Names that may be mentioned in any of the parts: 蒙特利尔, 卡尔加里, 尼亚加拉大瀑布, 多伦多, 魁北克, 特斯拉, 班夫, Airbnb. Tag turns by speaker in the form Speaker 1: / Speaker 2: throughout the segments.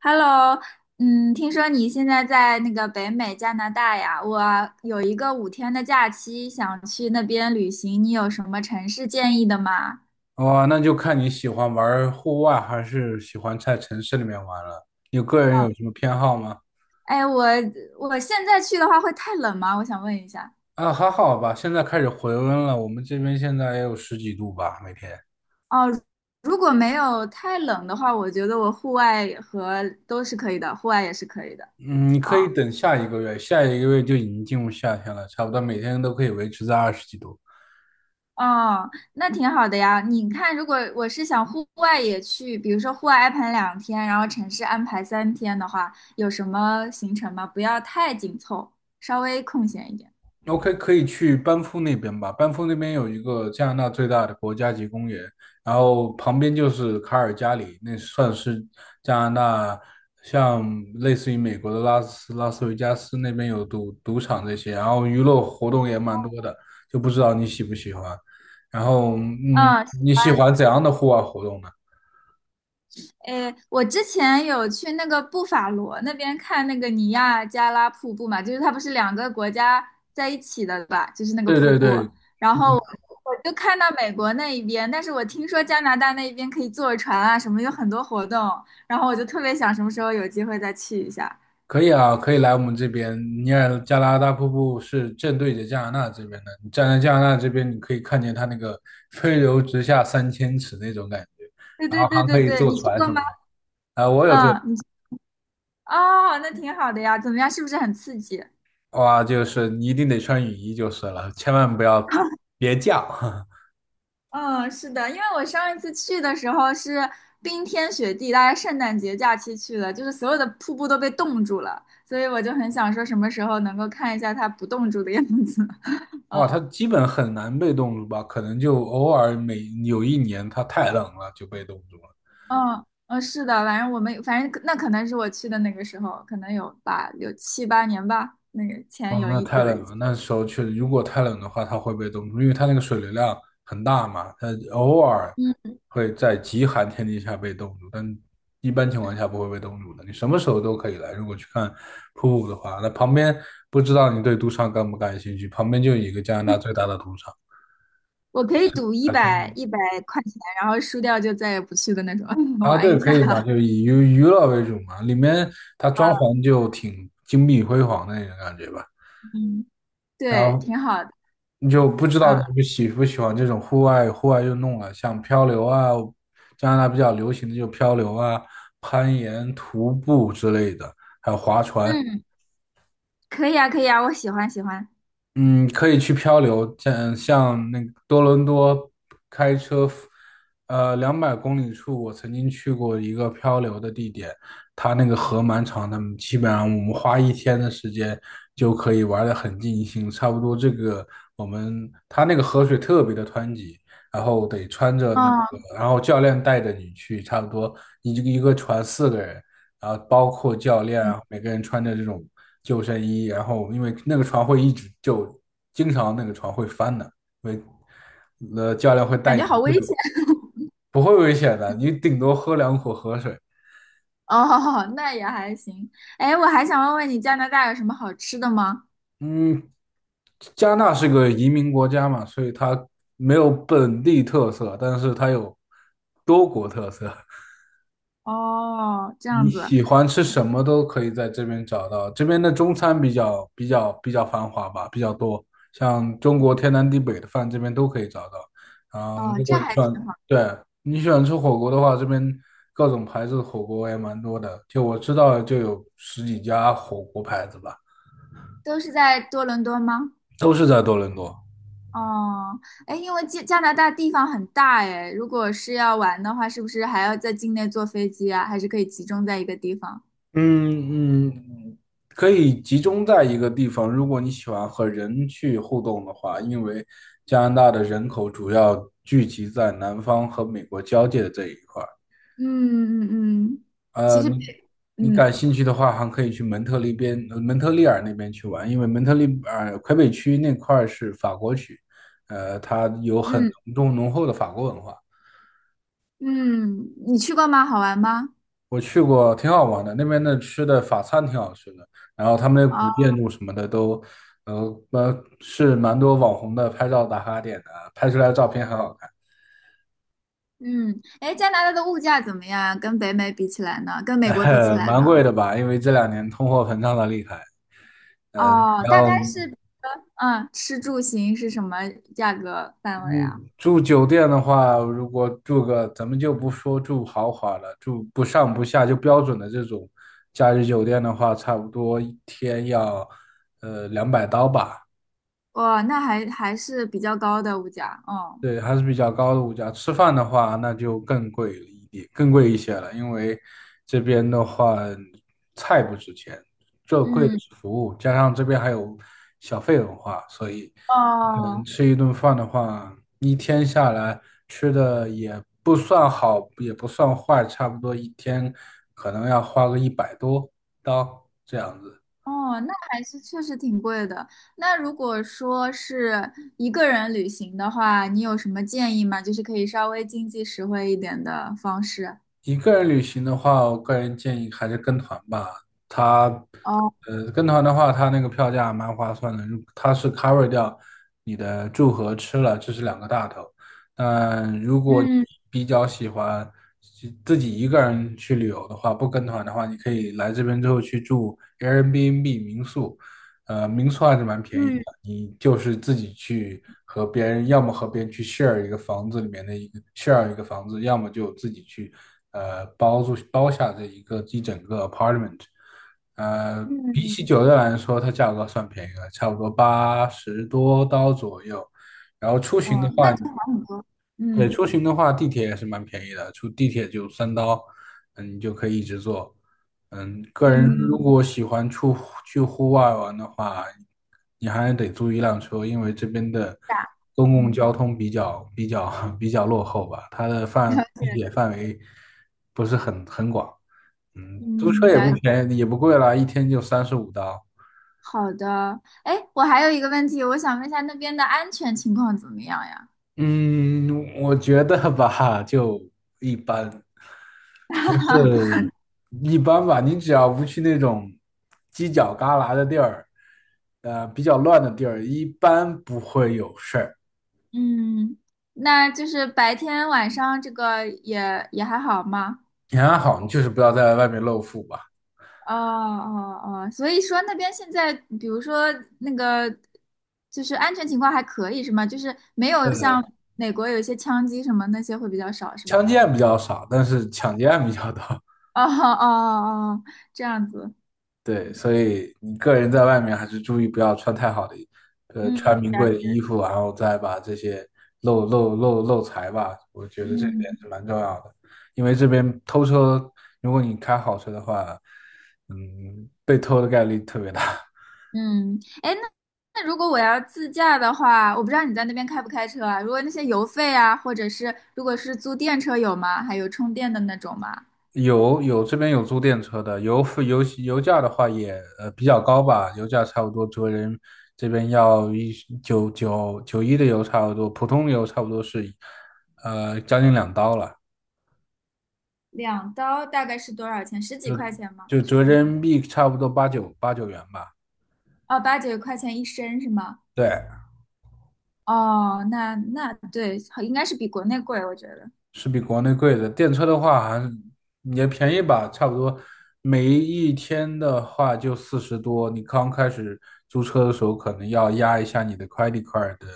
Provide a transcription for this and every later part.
Speaker 1: Hello。嗯，听说你现在在那个北美加拿大呀？我有一个五天的假期，想去那边旅行，你有什么城市建议的吗？
Speaker 2: 哇，那就看你喜欢玩户外还是喜欢在城市里面玩了。你个人有什么偏好吗？
Speaker 1: 哎，我现在去的话会太冷吗？我想问一下。
Speaker 2: 啊，还好吧，现在开始回温了，我们这边现在也有十几度吧，每天。
Speaker 1: 哦，如果没有太冷的话，我觉得我户外和都是可以的，户外也是可以的。
Speaker 2: 嗯，你可以
Speaker 1: 哦
Speaker 2: 等下一个月，下一个月就已经进入夏天了，差不多每天都可以维持在二十几度。
Speaker 1: 哦，那挺好的呀。你看，如果我是想户外也去，比如说户外安排两天，然后城市安排三天的话，有什么行程吗？不要太紧凑，稍微空闲一点。
Speaker 2: OK，可以去班夫那边吧。班夫那边有一个加拿大最大的国家级公园，然后旁边就是卡尔加里，那算是加拿大像类似于美国的拉斯维加斯那边有赌场这些，然后娱乐活动也蛮多的，就不知道你喜不喜欢。然后，
Speaker 1: 嗯，
Speaker 2: 你喜欢怎样的户外活动呢？
Speaker 1: 诶，我之前有去那个布法罗那边看那个尼亚加拉瀑布嘛，就是它不是两个国家在一起的吧，就是那个
Speaker 2: 对
Speaker 1: 瀑
Speaker 2: 对
Speaker 1: 布。
Speaker 2: 对，
Speaker 1: 然后我就看到美国那一边，但是我听说加拿大那一边可以坐船啊，什么有很多活动，然后我就特别想什么时候有机会再去一下。
Speaker 2: 可以啊，可以来我们这边。尼亚加拉大瀑布是正对着加拿大这边的，你站在加拿大这边，你可以看见它那个 “飞流直下三千尺"那种感觉，
Speaker 1: 对
Speaker 2: 然
Speaker 1: 对
Speaker 2: 后
Speaker 1: 对
Speaker 2: 还可
Speaker 1: 对
Speaker 2: 以
Speaker 1: 对，
Speaker 2: 坐
Speaker 1: 你去
Speaker 2: 船
Speaker 1: 过
Speaker 2: 什么
Speaker 1: 吗？
Speaker 2: 的。啊、我有坐，
Speaker 1: 嗯，你去哦，那挺好的呀，怎么样？是不是很刺激？
Speaker 2: 哇，就是你一定得穿雨衣就是了，千万不要 别降。
Speaker 1: 嗯，是的，因为我上一次去的时候是冰天雪地，大家圣诞节假期去的，就是所有的瀑布都被冻住了，所以我就很想说什么时候能够看一下它不冻住的样子。
Speaker 2: 哇，
Speaker 1: 嗯
Speaker 2: 它基本很难被冻住吧？可能就偶尔有一年它太冷了就被冻住了。
Speaker 1: 嗯嗯，是的，反正那可能是我去的那个时候，可能有吧，有七八年吧，那个前
Speaker 2: 哦，
Speaker 1: 有
Speaker 2: 那
Speaker 1: 一
Speaker 2: 太
Speaker 1: 有
Speaker 2: 冷
Speaker 1: 一次，
Speaker 2: 了。那时候确实，如果太冷的话，它会被冻住，因为它那个水流量很大嘛，它偶尔
Speaker 1: 嗯，
Speaker 2: 会在极寒天气下被冻住，但一般情况下不会被冻住的。你什么时候都可以来。如果去看瀑布的话，那旁边不知道你对赌场感不感兴趣？旁边就有一个加拿大最大的赌场，
Speaker 1: 我可以赌一
Speaker 2: 海参
Speaker 1: 百一百块钱，然后输掉就再也不去的那种，
Speaker 2: 啊，
Speaker 1: 玩
Speaker 2: 对，
Speaker 1: 一
Speaker 2: 可
Speaker 1: 下。
Speaker 2: 以嘛，就 以娱乐为主嘛，里面它
Speaker 1: 啊
Speaker 2: 装潢就挺金碧辉煌的那种感觉吧。
Speaker 1: 嗯，
Speaker 2: 然
Speaker 1: 对，
Speaker 2: 后
Speaker 1: 挺好的。
Speaker 2: 你就不知道你
Speaker 1: 啊，
Speaker 2: 们喜不喜欢这种户外运动了，像漂流啊，加拿大比较流行的就漂流啊、攀岩、徒步之类的，还有划船。
Speaker 1: 嗯。可以啊，可以啊，我喜欢。
Speaker 2: 嗯，可以去漂流，像那个多伦多开车，200公里处，我曾经去过一个漂流的地点，它那个河蛮长的，基本上我们花一天的时间就可以玩的很尽兴，差不多这个我们它那个河水特别的湍急，然后得穿着那个，
Speaker 1: 哦，
Speaker 2: 然后教练带着你去，差不多一个一个船四个人，然后包括教练
Speaker 1: 嗯，
Speaker 2: 啊，每个人穿着这种。救生衣，然后因为那个船会一直救，经常那个船会翻的，危
Speaker 1: 感觉好危险。
Speaker 2: 不会危险的，你顶多喝两口河水。
Speaker 1: 哦，那也还行。哎，我还想问问你，加拿大有什么好吃的吗？
Speaker 2: 嗯，加纳是个移民国家嘛，所以它没有本地特色，但是它有多国特色。
Speaker 1: 哦，这
Speaker 2: 你
Speaker 1: 样子。
Speaker 2: 喜欢吃什么都可以在这边找到，这边的中餐比较繁华吧，比较多，像中国天南地北的饭这边都可以找到。
Speaker 1: 哦，
Speaker 2: 如
Speaker 1: 这
Speaker 2: 果你
Speaker 1: 还
Speaker 2: 喜
Speaker 1: 挺
Speaker 2: 欢，
Speaker 1: 好。
Speaker 2: 对，你喜欢吃火锅的话，这边各种牌子的火锅也蛮多的，就我知道就有十几家火锅牌子吧，
Speaker 1: 都是在多伦多吗？
Speaker 2: 都是在多伦多。
Speaker 1: 哦，哎，因为加拿大地方很大，哎，如果是要玩的话，是不是还要在境内坐飞机啊？还是可以集中在一个地方？
Speaker 2: 嗯嗯，可以集中在一个地方。如果你喜欢和人去互动的话，因为加拿大的人口主要聚集在南方和美国交界的这一块儿。
Speaker 1: 嗯嗯嗯，其
Speaker 2: 呃，
Speaker 1: 实，
Speaker 2: 你你
Speaker 1: 嗯
Speaker 2: 感兴趣的话，还可以去蒙特利尔那边去玩，因为蒙特利尔魁北区那块儿是法国区，它有很
Speaker 1: 嗯
Speaker 2: 浓重浓厚的法国文化。
Speaker 1: 嗯嗯你去过吗？好玩吗？
Speaker 2: 我去过，挺好玩的。那边的吃的法餐挺好吃的，然后他们的古
Speaker 1: 啊。
Speaker 2: 建筑什么的都，呃是蛮多网红的拍照打卡点的，拍出来的照片很好看。
Speaker 1: 嗯，哎，加拿大的物价怎么样啊跟北美比起来呢？跟 美国比起来
Speaker 2: 蛮
Speaker 1: 呢？
Speaker 2: 贵的吧？因为这两年通货膨胀的厉害。呃，你
Speaker 1: 哦，大
Speaker 2: 要
Speaker 1: 概是，嗯，吃住行是什么价格范围啊？
Speaker 2: 嗯住酒店的话，如果住个咱们就不说住豪华了，住不上不下就标准的这种假日酒店的话，差不多一天要两百刀吧。
Speaker 1: 哇，那还是比较高的物价，哦，
Speaker 2: 对，还是比较高的物价。吃饭的话，那就更贵了一点，更贵一些了，因为这边的话，菜不值钱，最贵的
Speaker 1: 嗯，
Speaker 2: 是服务，加上这边还有小费文化，所以，可能
Speaker 1: 哦
Speaker 2: 吃一顿饭的话，一天下来吃的也不算好，也不算坏，差不多一天可能要花个100多刀这样子。
Speaker 1: 哦，那还是确实挺贵的。那如果说是一个人旅行的话，你有什么建议吗？就是可以稍微经济实惠一点的方式。
Speaker 2: 一个人旅行的话，我个人建议还是跟团吧。它，
Speaker 1: 哦，
Speaker 2: 跟团的话，它那个票价蛮划算的，如它是 cover 掉你的住和吃了，这是两个大头。但如果你
Speaker 1: 嗯
Speaker 2: 比较喜欢自己一个人去旅游的话，不跟团的话，你可以来这边之后去住 Airbnb 民宿，民宿还是蛮便宜的。
Speaker 1: 嗯
Speaker 2: 你就是自己去和别人，要么和别人去 share 一个房子里面的一个 share 一个房子，要么就自己去包下这一整个 apartment。
Speaker 1: 嗯，
Speaker 2: 比
Speaker 1: 嗯
Speaker 2: 起酒店来说，它价格算便宜了，差不多80多刀左右。然后出行的
Speaker 1: 哦，那
Speaker 2: 话，
Speaker 1: 就好
Speaker 2: 你
Speaker 1: 很多，
Speaker 2: 对，
Speaker 1: 嗯。
Speaker 2: 出行的话，地铁也是蛮便宜的，出地铁就3刀，你就可以一直坐。个人如
Speaker 1: 嗯，
Speaker 2: 果喜欢出去户外玩的话，你还得租一辆车，因为这边的
Speaker 1: 大
Speaker 2: 公共交
Speaker 1: 嗯
Speaker 2: 通比较比较 比较落后吧，它的
Speaker 1: 了
Speaker 2: 地
Speaker 1: 解，
Speaker 2: 铁范围不是很广。租车
Speaker 1: 嗯，
Speaker 2: 也不
Speaker 1: 了解。
Speaker 2: 便宜，也不贵啦，一天就35刀。
Speaker 1: 好的，哎，我还有一个问题，我想问一下那边的安全情况怎么样呀？
Speaker 2: 嗯，我觉得吧，就一般。不 是一般吧，你只要不去那种犄角旮旯的地儿，比较乱的地儿，一般不会有事儿。
Speaker 1: 嗯，那就是白天晚上这个也还好吗？
Speaker 2: 你还好，你就是不要在外面露富吧。
Speaker 1: 哦哦哦，所以说那边现在，比如说那个，就是安全情况还可以是吗？就是没有
Speaker 2: 呃，
Speaker 1: 像美国有一些枪击什么那些会比较少是
Speaker 2: 枪
Speaker 1: 吧？
Speaker 2: 击案比较少，但是抢劫案比较多。
Speaker 1: 哦哦哦，哦这样子，
Speaker 2: 对，所以你个人在外面还是注意不要穿太好的，
Speaker 1: 嗯，
Speaker 2: 穿名
Speaker 1: 了
Speaker 2: 贵的
Speaker 1: 解，
Speaker 2: 衣服，然后再把这些漏财吧，我觉得这一点是
Speaker 1: 嗯。
Speaker 2: 蛮重要的。因为这边偷车，如果你开好车的话，被偷的概率特别大。
Speaker 1: 嗯，哎，那如果我要自驾的话，我不知道你在那边开不开车啊？如果那些油费啊，或者是如果是租电车有吗？还有充电的那种吗？
Speaker 2: 有这边有租电车的，油费油油价的话也比较高吧，油价差不多这边要一九九九一的油差不多，普通油差不多是将近2刀了。
Speaker 1: 两刀大概是多少钱？十几
Speaker 2: 就
Speaker 1: 块钱吗？
Speaker 2: 就折人民币差不多八九元吧，
Speaker 1: 哦，八九块钱一升是吗？
Speaker 2: 对，
Speaker 1: 哦，那对，好应该是比国内贵，我觉得。
Speaker 2: 是比国内贵的。电车的话还是也便宜吧，差不多每一天的话就40多。你刚开始租车的时候，可能要压一下你的 credit card 的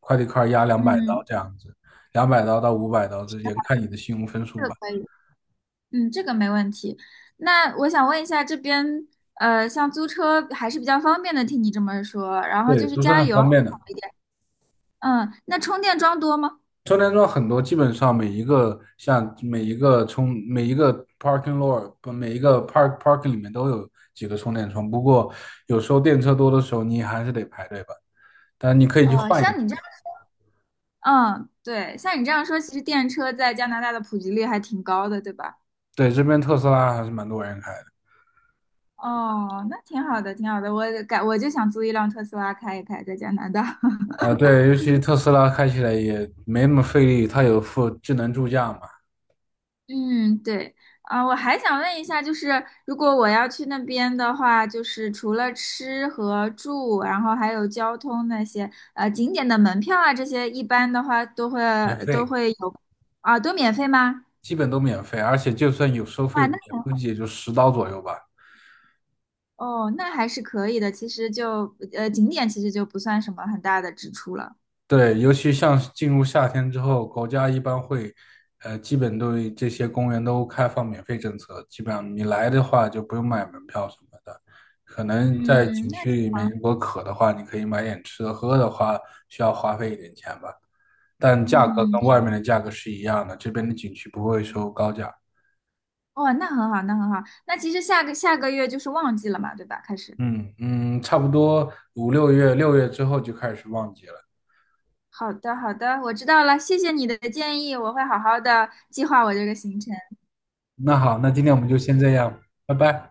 Speaker 2: credit card 压200刀
Speaker 1: 嗯，
Speaker 2: 这样子，200刀到500刀之间，看你的信用分
Speaker 1: 这
Speaker 2: 数
Speaker 1: 个
Speaker 2: 吧。
Speaker 1: 可以，嗯，这个没问题。那我想问一下，这边像租车还是比较方便的，听你这么说，然后
Speaker 2: 对，
Speaker 1: 就是
Speaker 2: 租车
Speaker 1: 加
Speaker 2: 很
Speaker 1: 油。好
Speaker 2: 方便的。
Speaker 1: 一点。嗯，那充电桩多吗？
Speaker 2: 充电桩很多，基本上每一个 parking lot 不每一个 park parking 里面都有几个充电桩，不过有时候电车多的时候你还是得排队吧。但你可以去
Speaker 1: 哦，
Speaker 2: 换一
Speaker 1: 像
Speaker 2: 个。
Speaker 1: 你这样，嗯，对，像你这样说，其实电车在加拿大的普及率还挺高的，对吧？
Speaker 2: 对，这边特斯拉还是蛮多人开的。
Speaker 1: 哦，那挺好的，挺好的。我改，我就想租一辆特斯拉开一开，在加拿大。
Speaker 2: 对，尤其特斯拉开起来也没那么费力，它有附智能助驾嘛，
Speaker 1: 嗯，对，啊，我还想问一下，就是如果我要去那边的话，就是除了吃和住，然后还有交通那些，景点的门票啊，这些一般的话都会
Speaker 2: 免
Speaker 1: 都
Speaker 2: 费，
Speaker 1: 会有，啊，都免费吗？
Speaker 2: 基本都免费，而且就算有收费，
Speaker 1: 哇，那
Speaker 2: 也估计也就10刀左右吧。
Speaker 1: 哦，那还是可以的。其实就景点其实就不算什么很大的支出了。
Speaker 2: 对，尤其像是进入夏天之后，国家一般会，基本对这些公园都开放免费政策，基本上你来的话就不用买门票什么的。可能在
Speaker 1: 嗯，
Speaker 2: 景
Speaker 1: 那
Speaker 2: 区里面，如果渴的话，你可以买点吃的；喝的话，需要花费一点钱吧，但价格
Speaker 1: 嗯，
Speaker 2: 跟外面的价格是一样的，这边的景区不会收高价。
Speaker 1: 哦，那很好，那很好。那其实下个月就是旺季了嘛，对吧？开始。
Speaker 2: 嗯嗯，差不多5、6月，六月之后就开始旺季了。
Speaker 1: 好的，好的，我知道了，谢谢你的建议，我会好好的计划我这个行程。
Speaker 2: 那好，那今天我们就先这样，拜拜。